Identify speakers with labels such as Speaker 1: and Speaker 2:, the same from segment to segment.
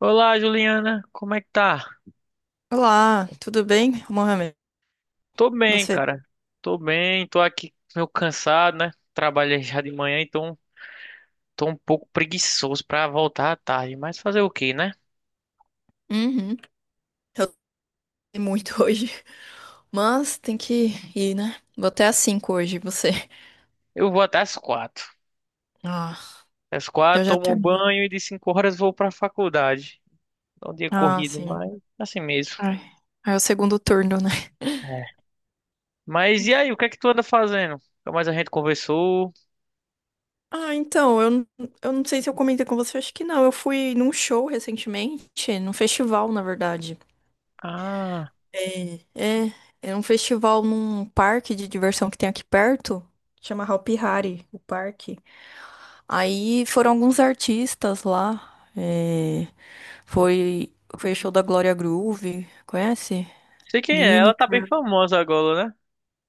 Speaker 1: Olá, Juliana, como é que tá?
Speaker 2: Olá, tudo bem, Mohamed?
Speaker 1: Tô bem,
Speaker 2: Você?
Speaker 1: cara. Tô bem, tô aqui meio cansado, né? Trabalhei já de manhã, então tô um pouco preguiçoso pra voltar à tarde, mas fazer o quê, né?
Speaker 2: Uhum. Eu tô muito hoje, mas tem que ir, né? Vou até às 5h hoje, você?
Speaker 1: Eu vou até às quatro.
Speaker 2: Ah,
Speaker 1: Às
Speaker 2: eu
Speaker 1: quatro,
Speaker 2: já
Speaker 1: tomo um
Speaker 2: terminei.
Speaker 1: banho e de cinco horas vou pra faculdade. É um dia
Speaker 2: Ah,
Speaker 1: corrido,
Speaker 2: sim.
Speaker 1: mas assim mesmo.
Speaker 2: Ai, aí é o segundo turno, né?
Speaker 1: É. Mas e aí, o que é que tu anda fazendo? Nunca mais a gente conversou.
Speaker 2: Ah, então, eu, eu não sei se eu comentei com você, acho que não. Eu fui num show recentemente, num festival, na verdade.
Speaker 1: Ah,
Speaker 2: É, é, é um festival num parque de diversão que tem aqui perto, chama Hopi Hari, o parque. Aí foram alguns artistas lá. é, foi, foi show da Glória Groove, conhece?
Speaker 1: sei quem é, ela tá bem
Speaker 2: Lineker.
Speaker 1: famosa agora, né?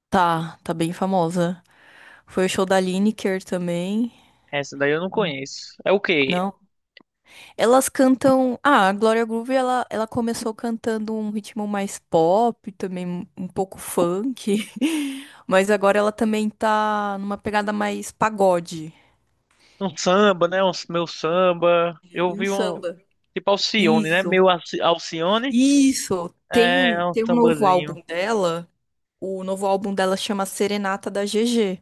Speaker 2: Tá, tá bem famosa. Foi o show da Lineker também.
Speaker 1: Essa daí eu não conheço. É o quê?
Speaker 2: Não. Elas cantam. Ah, a Glória Groove ela começou cantando um ritmo mais pop, também um pouco funk. Mas agora ela também tá numa pegada mais pagode.
Speaker 1: Um samba, né? Um meu samba. Eu
Speaker 2: E um
Speaker 1: vi um
Speaker 2: samba.
Speaker 1: tipo Alcione, né?
Speaker 2: Isso.
Speaker 1: Alcione
Speaker 2: Isso,
Speaker 1: é
Speaker 2: tem,
Speaker 1: é um
Speaker 2: tem um novo
Speaker 1: sambazinho.
Speaker 2: álbum dela. O novo álbum dela chama Serenata da GG.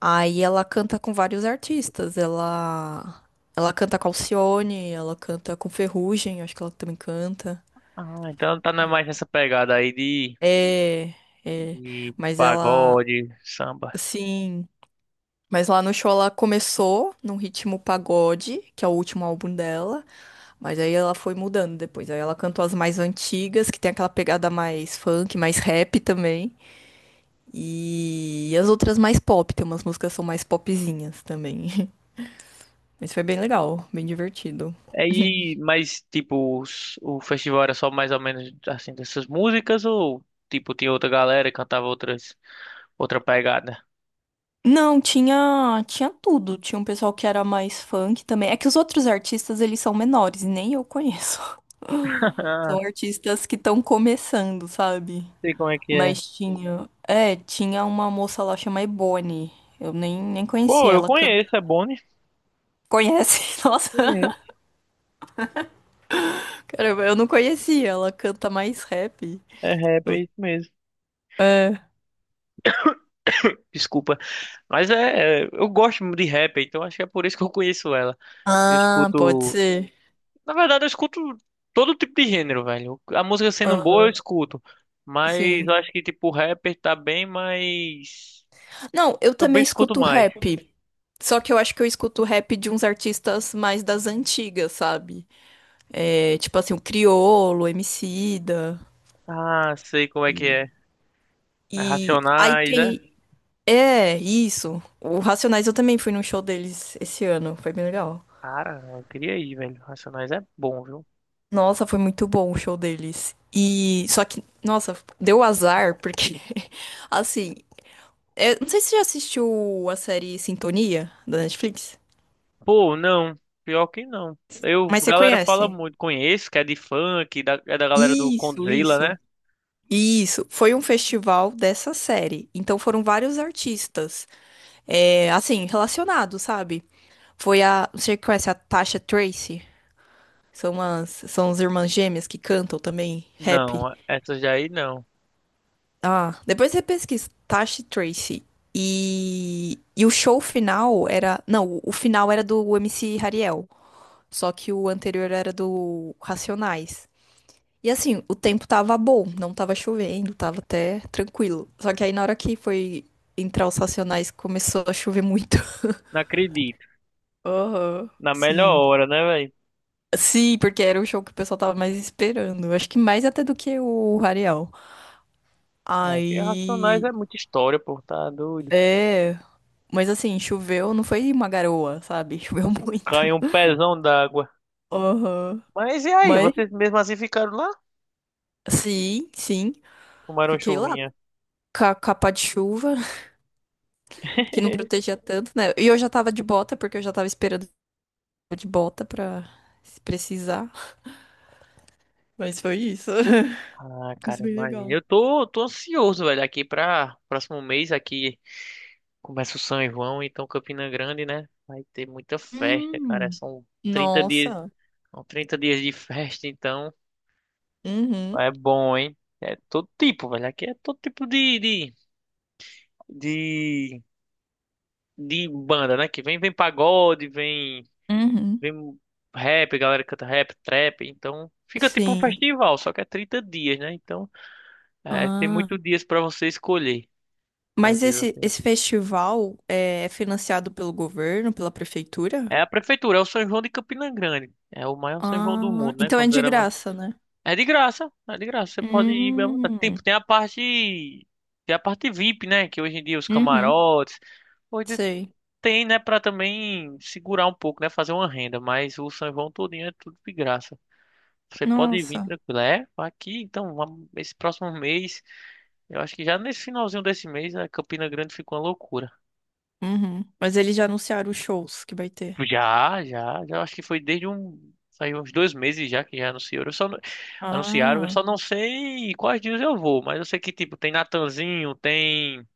Speaker 2: Aí ela canta com vários artistas. Ela canta com Alcione, ela canta com Ferrugem, acho que ela também canta.
Speaker 1: Ah, então mais nessa pegada aí
Speaker 2: É, é,
Speaker 1: de
Speaker 2: mas ela,
Speaker 1: pagode, samba.
Speaker 2: sim. Mas lá no show ela começou num ritmo pagode, que é o último álbum dela. Mas aí ela foi mudando depois. Aí ela cantou as mais antigas, que tem aquela pegada mais funk, mais rap também. E as outras mais pop, tem umas músicas que são mais popzinhas também. Mas foi bem legal, bem divertido.
Speaker 1: Aí, mas tipo, o festival era só mais ou menos assim dessas músicas ou tipo tinha outra galera que cantava outra pegada?
Speaker 2: Não, tinha tudo. Tinha um pessoal que era mais funk também. É que os outros artistas, eles são menores, e nem eu conheço.
Speaker 1: Ah,
Speaker 2: São artistas que estão começando, sabe?
Speaker 1: sei como é que é.
Speaker 2: Mas tinha uma moça lá chamada Ebony. Eu nem conhecia
Speaker 1: Pô, eu
Speaker 2: ela canta.
Speaker 1: conheço, é Boni.
Speaker 2: Conhece? Nossa,
Speaker 1: Conheço.
Speaker 2: caramba, eu não conhecia. Ela canta mais rap.
Speaker 1: É rap, é isso mesmo.
Speaker 2: É.
Speaker 1: Desculpa. Mas eu gosto muito de rap, então acho que é por isso que eu conheço ela. Eu
Speaker 2: Ah, pode
Speaker 1: escuto,
Speaker 2: ser.
Speaker 1: na verdade, eu escuto todo tipo de gênero, velho. A música sendo boa, eu
Speaker 2: Aham.
Speaker 1: escuto. Mas eu
Speaker 2: Sim.
Speaker 1: acho que tipo rapper tá bem mas
Speaker 2: Não, eu
Speaker 1: eu
Speaker 2: também
Speaker 1: bem escuto
Speaker 2: escuto
Speaker 1: mais.
Speaker 2: rap. Só que eu acho que eu escuto rap de uns artistas mais das antigas, sabe? É, tipo assim, o Criolo, Emicida.
Speaker 1: Ah, sei como é que é. É
Speaker 2: E aí
Speaker 1: Racionais, é?
Speaker 2: tem. É, isso. O Racionais eu também fui num show deles esse ano. Foi bem legal.
Speaker 1: Cara, eu queria ir, velho. Racionais é bom, viu?
Speaker 2: Nossa, foi muito bom o show deles. E só que, nossa, deu azar, porque, assim, não sei se você já assistiu a série Sintonia da Netflix,
Speaker 1: Pô, não. Pior que não. Eu, a
Speaker 2: mas você
Speaker 1: galera fala
Speaker 2: conhece.
Speaker 1: muito, conheço, que é de funk, é da galera do
Speaker 2: Isso,
Speaker 1: Condzilla,
Speaker 2: isso.
Speaker 1: né?
Speaker 2: E isso, foi um festival dessa série. Então foram vários artistas, assim, relacionados, sabe? Foi a. Você conhece a Tasha Tracy? São as irmãs gêmeas que cantam também rap.
Speaker 1: Não, essas daí não.
Speaker 2: Ah, depois você pesquisa Tasha Tracy. E o show final era. Não, o final era do MC Hariel. Só que o anterior era do Racionais. E assim, o tempo tava bom, não tava chovendo, tava até tranquilo. Só que aí na hora que foi entrar os Racionais, começou a chover muito.
Speaker 1: Não acredito.
Speaker 2: Aham,
Speaker 1: Na melhor
Speaker 2: sim.
Speaker 1: hora, né, velho?
Speaker 2: Sim, porque era o show que o pessoal tava mais esperando. Acho que mais até do que o Rarial.
Speaker 1: É, que Racionais
Speaker 2: Aí.
Speaker 1: é muita história, pô, tá doido.
Speaker 2: É. Mas assim, choveu, não foi uma garoa, sabe? Choveu muito.
Speaker 1: Caiu um pezão d'água.
Speaker 2: Aham.
Speaker 1: Mas e aí,
Speaker 2: Mas,
Speaker 1: vocês mesmo assim ficaram lá?
Speaker 2: sim, sim.
Speaker 1: Tomaram
Speaker 2: Fiquei lá
Speaker 1: chuvinha.
Speaker 2: com a capa de chuva, que não protegia tanto, né? E eu já tava de bota, porque eu já tava esperando de bota pra se precisar. Mas foi isso.
Speaker 1: Ah,
Speaker 2: Isso é
Speaker 1: cara,
Speaker 2: bem
Speaker 1: imagina.
Speaker 2: legal.
Speaker 1: Eu tô ansioso, velho, aqui pra próximo mês aqui começa o São João, então Campina Grande, né? Vai ter muita festa, cara.
Speaker 2: Hum.
Speaker 1: São 30 dias,
Speaker 2: Nossa.
Speaker 1: são 30 dias de festa, então
Speaker 2: Uhum.
Speaker 1: é bom, hein? É todo tipo, velho. Aqui é todo tipo de de banda, né? Que vem, vem pagode, vem,
Speaker 2: Uhum.
Speaker 1: vem rap, a galera canta rap, trap. Então fica tipo um
Speaker 2: Sim.
Speaker 1: festival, só que é 30 dias, né? Então é, tem
Speaker 2: Ah.
Speaker 1: muitos dias pra você escolher. qual
Speaker 2: Mas
Speaker 1: dia
Speaker 2: esse,
Speaker 1: você-
Speaker 2: esse festival é financiado pelo governo, pela prefeitura?
Speaker 1: É a prefeitura, é o São João de Campina Grande. É o maior São João do
Speaker 2: Ah,
Speaker 1: mundo, né?
Speaker 2: então é de
Speaker 1: Considerando...
Speaker 2: graça, né?
Speaker 1: É de graça, é de graça. Você pode ir bem à vontade. Tem,
Speaker 2: Hum.
Speaker 1: tem a parte. Tem a parte VIP, né? Que hoje em dia os
Speaker 2: Uhum.
Speaker 1: camarotes. Hoje
Speaker 2: Sei.
Speaker 1: tem, né? Pra também segurar um pouco, né? Fazer uma renda. Mas o São João todinho é tudo de graça. Você pode vir
Speaker 2: Nossa.
Speaker 1: tranquilo. É, aqui, então, esse próximo mês, eu acho que já nesse finalzinho desse mês, a Campina Grande ficou uma loucura.
Speaker 2: Uhum. Mas eles já anunciaram os shows que vai ter?
Speaker 1: Já acho que foi desde um, saiu uns 2 meses já que já anunciaram. Eu só, não- anunciaram, eu
Speaker 2: Ah,
Speaker 1: só não sei quais dias eu vou, mas eu sei que, tipo, tem Natanzinho, tem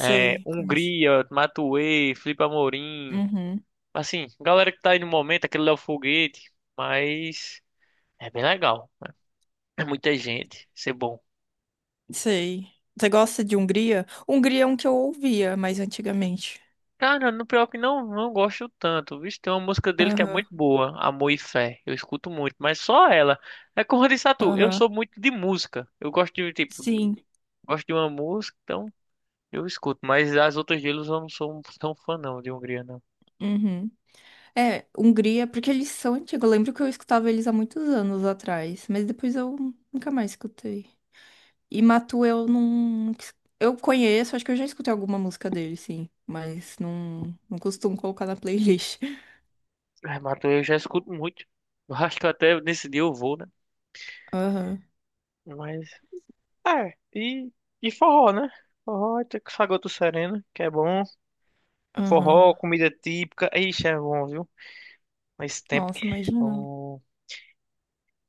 Speaker 1: é,
Speaker 2: Conheço.
Speaker 1: Hungria, Matuê, Felipe Amorim,
Speaker 2: Uhum.
Speaker 1: assim, galera que tá aí no momento, aquele Léo Foguete, mas é bem legal. É muita gente, isso é bom.
Speaker 2: Sei. Você gosta de Hungria? Hungria é um que eu ouvia mais antigamente.
Speaker 1: Cara, no pior que não, não gosto tanto. Vixe, tem uma música dele que é
Speaker 2: Aham,
Speaker 1: muito boa, Amor e Fé. Eu escuto muito, mas só ela. É como eu disse a tu, eu sou
Speaker 2: aham.
Speaker 1: muito de música. Eu gosto de, tipo,
Speaker 2: Sim.
Speaker 1: gosto de uma música, então eu escuto. Mas as outras deles eu não sou um, tão fã não, de Hungria, não.
Speaker 2: Uhum. É, Hungria, porque eles são antigos. Eu lembro que eu escutava eles há muitos anos atrás, mas depois eu nunca mais escutei. E Matu eu não. Eu conheço, acho que eu já escutei alguma música dele, sim, mas não, não costumo colocar na playlist.
Speaker 1: É, eu já escuto muito. Eu acho que até nesse dia eu vou, né?
Speaker 2: Aham,
Speaker 1: Mas, é, e, e forró, né? Forró, tem que Sagoto Sereno, que é bom. Forró,
Speaker 2: aham.
Speaker 1: comida típica, ixi, é bom, viu? Mas tempo que...
Speaker 2: Nossa, imagina.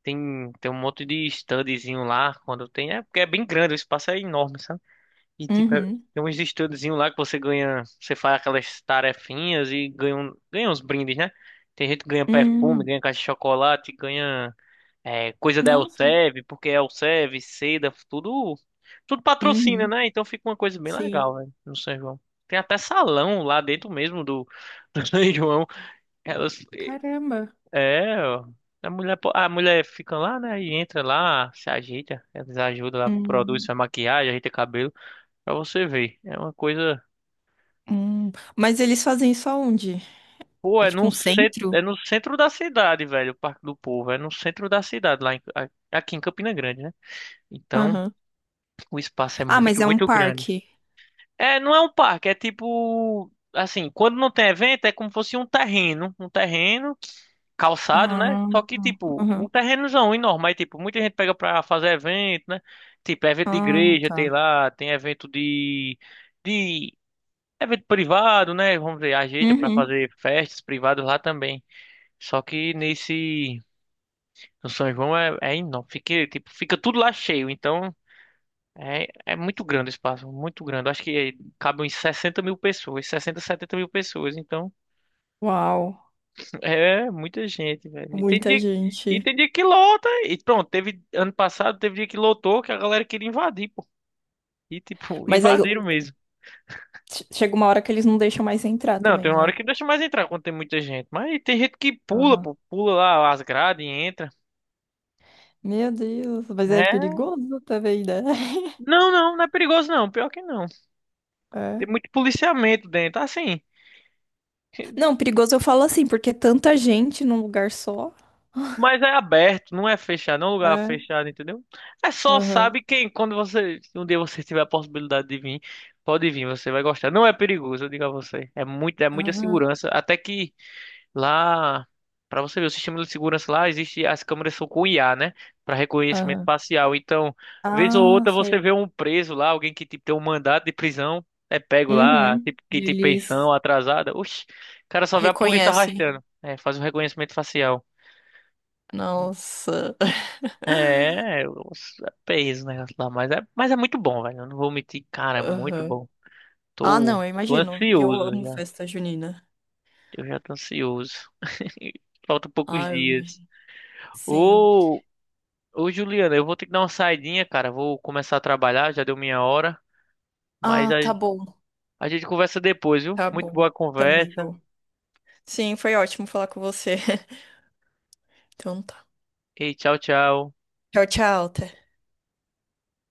Speaker 1: Tem um monte de standzinho lá quando tem. É porque é bem grande, o espaço é enorme, sabe? E tipo,
Speaker 2: Uhum,
Speaker 1: tem uns standzinho lá que você ganha. Você faz aquelas tarefinhas e ganha, ganha uns brindes, né? Tem gente que ganha perfume,
Speaker 2: uhum.
Speaker 1: ganha caixa de chocolate, ganha é, coisa da
Speaker 2: Nossa.
Speaker 1: Elsev, porque Elsev, Seda, tudo. Tudo patrocina,
Speaker 2: Uhum.
Speaker 1: né? Então fica uma coisa bem
Speaker 2: Sim.
Speaker 1: legal, velho, no São João. Tem até salão lá dentro mesmo do, do São João. Elas-
Speaker 2: Caramba.
Speaker 1: é, ó. A mulher fica lá, né? E entra lá, se ajeita, eles ajudam, ela produz
Speaker 2: Hum,
Speaker 1: sua maquiagem, ajeita cabelo, pra você ver. É uma coisa.
Speaker 2: hum. Mas eles fazem isso aonde?
Speaker 1: Pô,
Speaker 2: É tipo um
Speaker 1: é
Speaker 2: centro?
Speaker 1: no centro da cidade, velho, o Parque do Povo. É no centro da cidade, aqui em Campina Grande, né? Então,
Speaker 2: Aham.
Speaker 1: o espaço é
Speaker 2: Ah, mas
Speaker 1: muito,
Speaker 2: é um
Speaker 1: muito grande.
Speaker 2: parque.
Speaker 1: É, não é um parque, é tipo, assim, quando não tem evento, é como se fosse um terreno calçado, né?
Speaker 2: Ah,
Speaker 1: Só que, tipo,
Speaker 2: aham.
Speaker 1: um terrenozão enorme, aí, tipo, muita gente pega pra fazer evento, né? Tipo, evento de
Speaker 2: Ah,
Speaker 1: igreja tem
Speaker 2: tá.
Speaker 1: lá, tem evento de evento privado, né? Vamos dizer, ajeita pra
Speaker 2: Uhum.
Speaker 1: fazer festas privadas lá também. Só que no São João é enorme, fica, tipo, fica tudo lá cheio, então é muito grande o espaço, muito grande. Eu acho que cabe uns 60 mil pessoas, 60, 70 mil pessoas. Então,
Speaker 2: Uau,
Speaker 1: é muita gente, velho. E tem
Speaker 2: muita
Speaker 1: dia, e
Speaker 2: gente.
Speaker 1: tem dia que lota. E pronto, teve ano passado, teve dia que lotou, que a galera queria invadir, pô. E tipo,
Speaker 2: Mas aí
Speaker 1: invadiram mesmo.
Speaker 2: chega uma hora que eles não deixam mais entrar
Speaker 1: Não,
Speaker 2: também,
Speaker 1: tem uma hora
Speaker 2: né?
Speaker 1: que não deixa mais entrar quando tem muita gente. Mas tem gente que pula,
Speaker 2: Aham.
Speaker 1: pô, pula lá as grades e entra.
Speaker 2: Meu Deus, mas é
Speaker 1: É.
Speaker 2: perigoso também, né?
Speaker 1: Não, é perigoso não. Pior que não.
Speaker 2: É.
Speaker 1: Tem muito policiamento dentro. Assim,
Speaker 2: Não, perigoso eu falo assim, porque é tanta gente num lugar só.
Speaker 1: Mas é aberto, não é fechado, não é um lugar
Speaker 2: É.
Speaker 1: fechado, entendeu? É só,
Speaker 2: Aham.
Speaker 1: sabe, quem, quando você, um dia você tiver a possibilidade de vir, pode vir, você vai gostar. Não é perigoso, eu digo a você. É muito, é muita
Speaker 2: Aham.
Speaker 1: segurança. Até que lá, pra você ver, o sistema de segurança lá existe, as câmeras são com IA, né? Pra reconhecimento
Speaker 2: Aham.
Speaker 1: facial. Então, vez ou
Speaker 2: Ah,
Speaker 1: outra você
Speaker 2: sei.
Speaker 1: vê um preso lá, alguém que tipo, tem um mandado de prisão, é pego lá,
Speaker 2: Uhum.
Speaker 1: tipo, quem tem
Speaker 2: Eles
Speaker 1: pensão atrasada. Oxi, o cara só vê a polícia
Speaker 2: reconhecem.
Speaker 1: arrastando. É, faz um reconhecimento facial.
Speaker 2: Nossa.
Speaker 1: É, eu peguei esse negócio lá, mas é muito bom, velho. Eu não vou mentir, cara, é muito
Speaker 2: Aham.
Speaker 1: bom.
Speaker 2: Ah, não,
Speaker 1: Tô,
Speaker 2: eu
Speaker 1: tô
Speaker 2: imagino. E eu
Speaker 1: ansioso
Speaker 2: amo
Speaker 1: já.
Speaker 2: festa junina.
Speaker 1: Eu já tô ansioso. Faltam poucos
Speaker 2: Ah, eu
Speaker 1: dias.
Speaker 2: imagino. Sim.
Speaker 1: Ô, ô, Juliana, eu vou ter que dar uma saidinha, cara. Vou começar a trabalhar, já deu minha hora. Mas
Speaker 2: Ah,
Speaker 1: a,
Speaker 2: tá bom.
Speaker 1: a gente conversa depois, viu?
Speaker 2: Tá
Speaker 1: Muito
Speaker 2: bom.
Speaker 1: boa a
Speaker 2: Também
Speaker 1: conversa.
Speaker 2: vou. Sim, foi ótimo falar com você. Então tá.
Speaker 1: E tchau, tchau.
Speaker 2: Tchau, tchau. Até